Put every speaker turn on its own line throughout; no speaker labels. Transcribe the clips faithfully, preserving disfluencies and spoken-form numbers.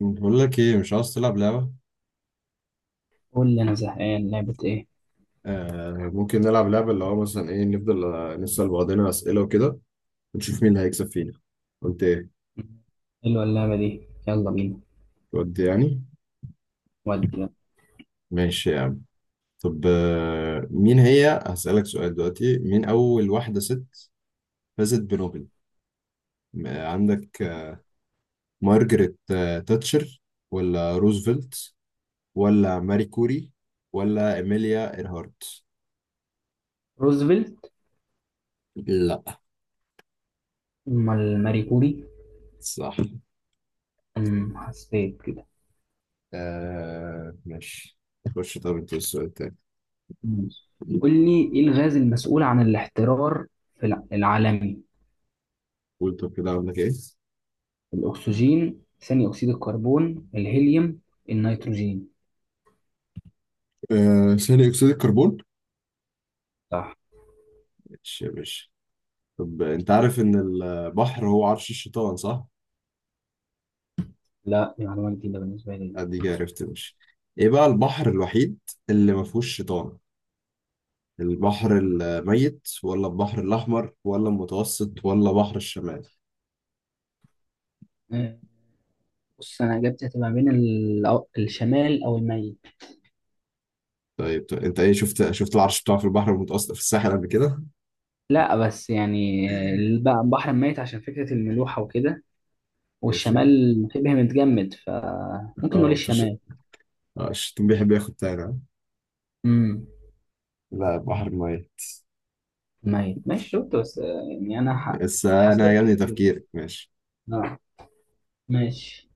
بقول لك ايه؟ مش عاوز تلعب لعبة؟
قول لي انا زهقان، لعبة ايه؟
آه، ممكن نلعب لعبة اللي هو مثلا ايه. نفضل آه، نسأل بعضنا أسئلة وكده. ونشوف مين اللي هيكسب فينا. قلت ايه؟
حلوة اللعبة دي، يلا بينا.
تودي يعني.
ودي، يلا.
ماشي يا عم. طب آه، مين هي هسألك سؤال دلوقتي. مين أول واحدة ست فازت بنوبل؟ م- آه، عندك آه، مارجريت آه، تاتشر، ولا روزفلت، ولا ماري كوري، ولا إيميليا إيرهارت؟
روزفلت.
لا.
امال ماري كوري.
صح.
أمم، حسيت كده.
آه، ماشي. خش طب انت السؤال التاني.
ماشي. قول لي ايه الغاز المسؤول عن الاحترار في الع- العالمي؟
قول طب كده عندك ايه؟
الاكسجين، ثاني اكسيد الكربون، الهيليوم، النيتروجين.
آه، ثاني اكسيد الكربون.
صح.
ماشي يا باشا. طب انت عارف ان البحر هو عرش الشيطان صح؟
لا، دي معلومة جديدة بالنسبة لي.
اديك عرفت يا باشا. ايه بقى البحر الوحيد اللي ما فيهوش شيطان؟ البحر الميت، ولا البحر الاحمر، ولا المتوسط، ولا بحر الشمال؟
آه، بص انا اجابتي هتبقى بين ال- الشمال او الميت.
طيب طيب، انت ايه، شفت شفت العرش بتاعه في البحر المتوسط في الساحل قبل كده؟
لا بس يعني، آه، الب- البحر الميت عشان فكرة الملوحة وكده،
ماشي.
والشمال شبه متجمد فممكن نقول
اه فش...
الشمال.
اه الشيطان بيحب ياخد تاني ها؟
امم.
لا، بحر الميت.
ميت، ماشي، شفت بس آه، يعني انا ح-
بس انا
حصلت
عجبني
كتير.
تفكيرك، ماشي.
آه. ماشي،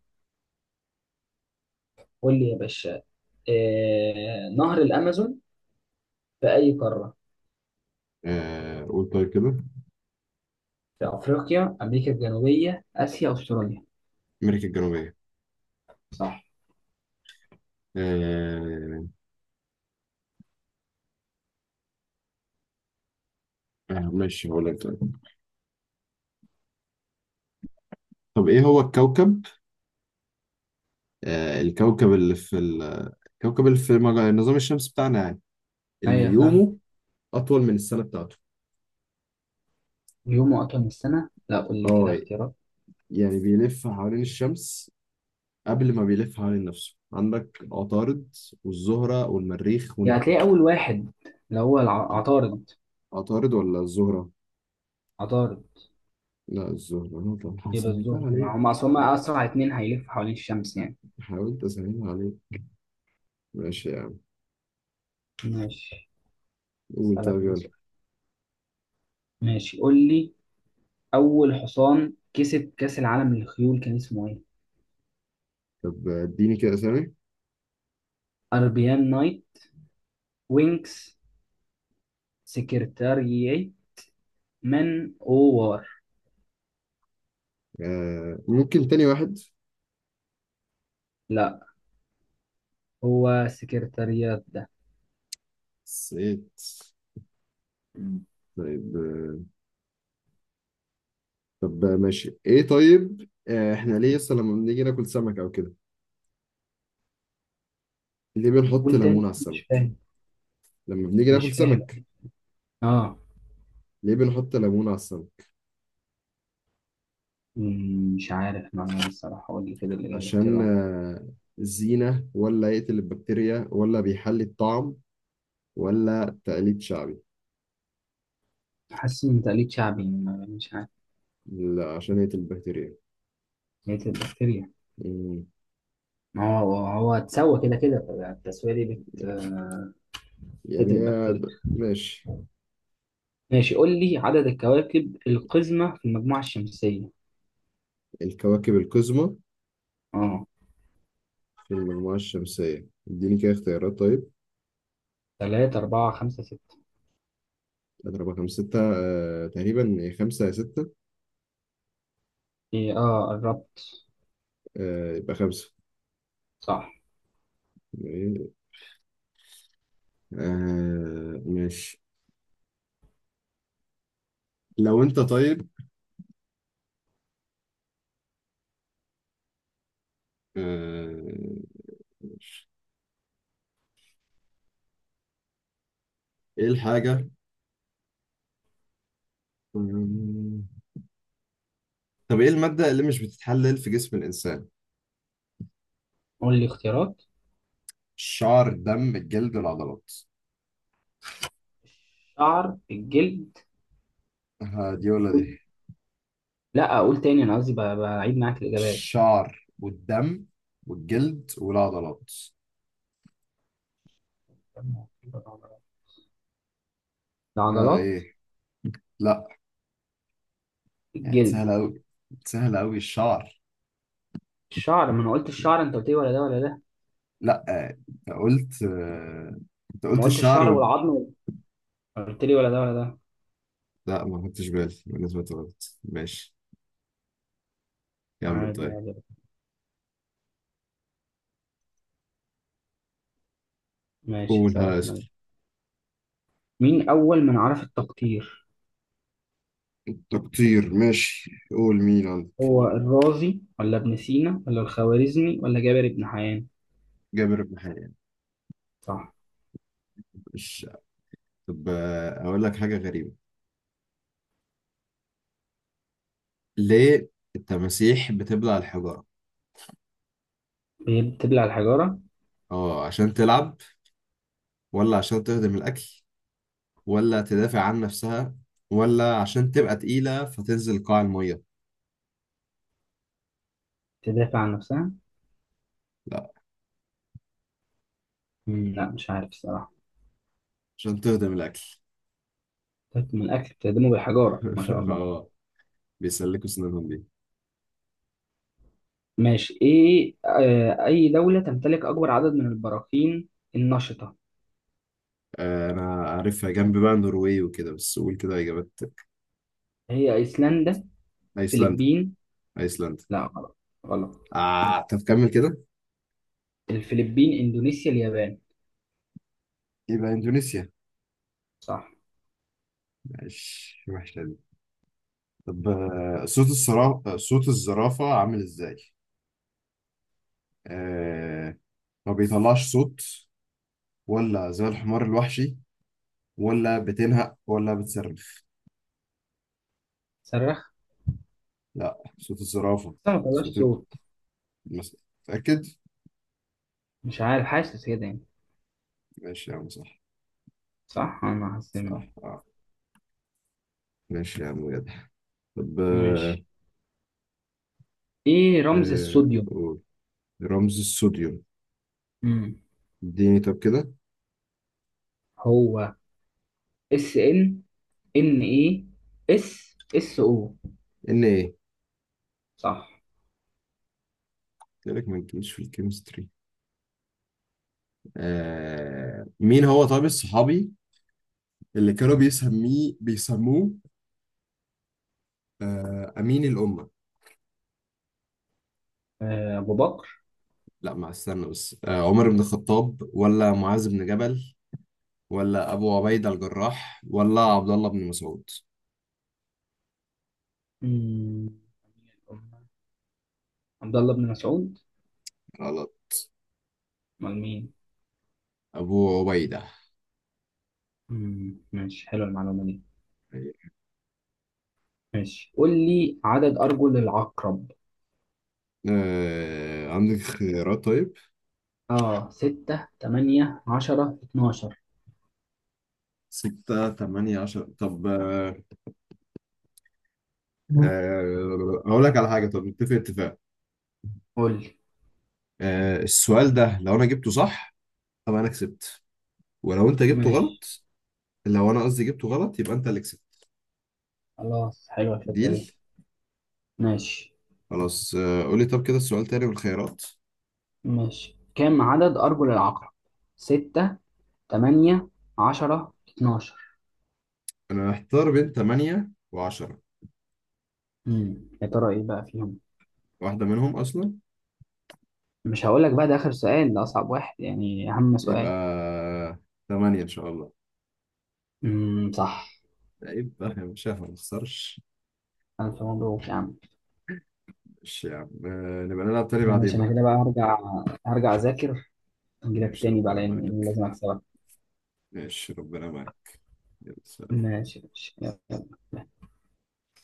قول لي يا باشا. آه... نهر الامازون في اي قاره؟
آه، قول طيب كده.
في افريقيا، امريكا الجنوبيه، اسيا، استراليا.
امريكا الجنوبية.
صح.
آه. آه، ماشي هقول لك طيب. طب ايه هو الكوكب؟ آه الكوكب اللي في ال... الكوكب اللي في مج- النظام الشمسي بتاعنا يعني، اللي
ايوه فاهم.
يومه أطول من السنة بتاعته.
يومه كام السنه؟ لا، قول لي كده
اه.
اختيارات.
يعني بيلف حوالين الشمس قبل ما بيلف حوالين نفسه. عندك عطارد، والزهرة، والمريخ،
يعني
ونبتون.
هتلاقي اول واحد، اللي هو الع-
عط-
عطارد.
عطارد ولا الزهرة؟
عطارد.
لا، الزهرة طب. أنا طبعا
يبقى
سهلتها
الزهر، ما هم
عليك.
اصل هم اسرع اتنين هيلفوا حوالين الشمس يعني.
حاولت أسهلها عليك. ماشي يا عم.
ماشي.
قول
اسالك
طيب
انا.
يلا.
ماشي، قول لي. أول حصان كسب كأس العالم للخيول كان اسمه إيه؟
طب اديني كده أسامي.
أربيان نايت، وينكس، سكرتاريي، من أوار.
آه، ممكن تاني واحد.
لا. هو سكرتاريات ده.
صيت.
مم.
طيب آه، طب آه، ماشي ايه. طيب آه، احنا ليه اصلا لما بنيجي ناكل سمك او كده ليه بنحط
قول
ليمون على
تاني، مش
السمك؟
فاهم.
لما بنيجي
مش
ناكل
فاهم.
سمك
آه.
ليه بنحط ليمون على السمك؟
مم، مش عارف معلومة الصراحة، قول لي كده اللي
عشان
الاختيارات.
آه، زينة، ولا يقتل البكتيريا، ولا بيحلي الطعم، ولا تقليد شعبي؟
حاسس إن تقليد شعبي، ما- مش عارف.
لا، عشان يقتل البكتيريا.
هي تبقى بكتيريا؟
مم.
ما هو هو اتسوى كده كده، التسوية دي بت بتقتل
يعني هي
البكتيريا.
ب- ماشي.
ماشي، قول لي عدد الكواكب القزمة في المجموعة الشمسية.
الكواكب القزمة
اه.
في المجموعة الشمسية، اديني كده اختيارات طيب.
تلاتة، أربعة، خمسة، ستة.
أضربها خمسة ستة، آه، تقريبا خمسة يا ستة.
إيه، اه، قربت.
آه، يبقى خمسة.
صح.
إيه؟ آه، ماشي. لو انت طيب. آه. ايه الحاجة. مم. طب ايه المادة اللي مش بتتحلل في جسم الإنسان؟
قول لي اختيارات.
الشعر، الدم، الجلد، والعضلات.
الشعر، الجلد.
ها، دي ولا دي؟
قول. لا، أقول تاني، أنا قصدي ب- بعيد معاك الإجابات.
الشعر، والدم، والجلد، والعضلات. ها
العضلات.
ايه؟ لا. يعني
الجلد.
سهلة أوي. سهلة أوي، الشعر.
الشعر، ما أنا قلت الشعر، أنت قلت لي ولا ده ولا ده.
لا آه، انت قلت آه، انت
ما
قلت
قلت
الشعر
الشعر
وال...
والعظم، قلت لي ولا ده ولا ده.
لا ما خدتش بالي، انا سمعت غلط، ماشي. كمل
عادي
طيب.
عادي. ماشي،
قولها
هسألك أنا.
اسف.
مين أول من عرف التقطير؟
تقطير ماشي، قول ميلان.
هو الرازي ولا ابن سينا ولا الخوارزمي ولا جابر بن حيان؟
جابر بن حيان.
صح.
مش طب آه، اقول لك حاجه غريبه. ليه التماسيح بتبلع الحجاره؟
هي بتبلع الحجارة؟
اه عشان تلعب، ولا عشان تهضم الاكل، ولا تدافع عن نفسها، ولا عشان تبقى تقيله فتنزل قاع الميه؟
تدافع عن نفسها.
لا،
مم. لا مش عارف الصراحة.
عشان تهضم الاكل.
تهضم الأكل؟ بتهدمه بالحجارة، ما شاء الله.
اه. بيسلكوا سنانهم دي.
ماشي. إيه، آه أي دولة تمتلك أكبر عدد من البراكين النشطة؟
آه، انا عارفها، جنب بقى النرويج وكده، بس قول كده اجابات.
هي أيسلندا،
ايسلندا.
الفلبين.
ايسلندا.
لا، غلط. غلط.
آه، طب كمل كده.
الفلبين، إندونيسيا، اليابان.
يبقى اندونيسيا.
صح.
مش وحشة دي. طب آه، صوت الصرا... صوت الزرافة عامل ازاي؟ آه... ما بيطلعش صوت، ولا زي الحمار الوحشي، ولا بتنهق، ولا بتصرخ؟
صرخ.
لا، صوت الزرافة.
بس ما طلعش
صوت ال-
صوت.
مس... متأكد؟
مش عارف، حاسس كده يعني.
ماشي يا عم، صح.
صح، أنا حاسس إن-
صح آه. ماشي يا عم بجد. طب آه...
ماشي. إيه رمز
آه...
الصوديوم؟
قول. رمز الصوديوم.
مم.
اديني طب كده.
هو اس ان، ان اي، اس، اس او.
ان ايه؟
صح.
قلت لك ما تجيش في الكيمستري. آه... مين هو طيب الصحابي اللي كانوا بيسميه بيسموه آه، أمين الأمة؟
آه، ابو بكر.
لا، ما استنى بس، آه، عمر بن الخطاب، ولا معاذ بن جبل، ولا أبو عبيدة الجراح، ولا عبد الله بن مسعود؟
مم، أمير الأمة. عبد الله بن مسعود.
غلط.
امال مين؟
أبو عبيدة.
مم، ماشي، حلوه المعلومه دي. ماشي، قول لي عدد ارجل العقرب.
آه، عندك خيارات طيب.
اه ستة، تمانية، عشرة، اتناشر.
ستة، تمانية، عشرة، طب آه، آه، أقول لك على حاجة. طب نتفق اتفاق.
قول لي.
آه، السؤال ده لو أنا جبته صح طب أنا كسبت، ولو أنت جبته
ماشي،
غلط، لو أنا قصدي جبته غلط يبقى أنت اللي كسبت.
خلاص، حلوه الفكره دي.
ديل.
ماشي.
خلاص آه، قولي طب كده السؤال تاني والخيارات.
ماشي، كم عدد ارجل العقرب؟ ستة، تمانية، عشرة، اتناشر.
انا محتار بين ثمانية و10.
مم، يا ترى ايه بقى فيهم؟
واحدة منهم اصلا.
مش هقول لك بقى، ده آخر سؤال، ده أصعب واحد يعني، أهم
يبقى
سؤال.
ثمانية ان شاء الله.
امم صح.
يبقى يا باشا ما نخسرش.
ألف مبروك يا عم.
ماشي يا عم، آه، نبقى نلعب تاني بعدين
ماشي،
بقى.
أنا كده بقى هرجع هرجع أذاكر. أجيلك
ماشي
تاني بقى،
ربنا
لأن
معاك.
لازم أكسبك.
ماشي ربنا معاك. يلا.
ماشي، ماشي، يلا.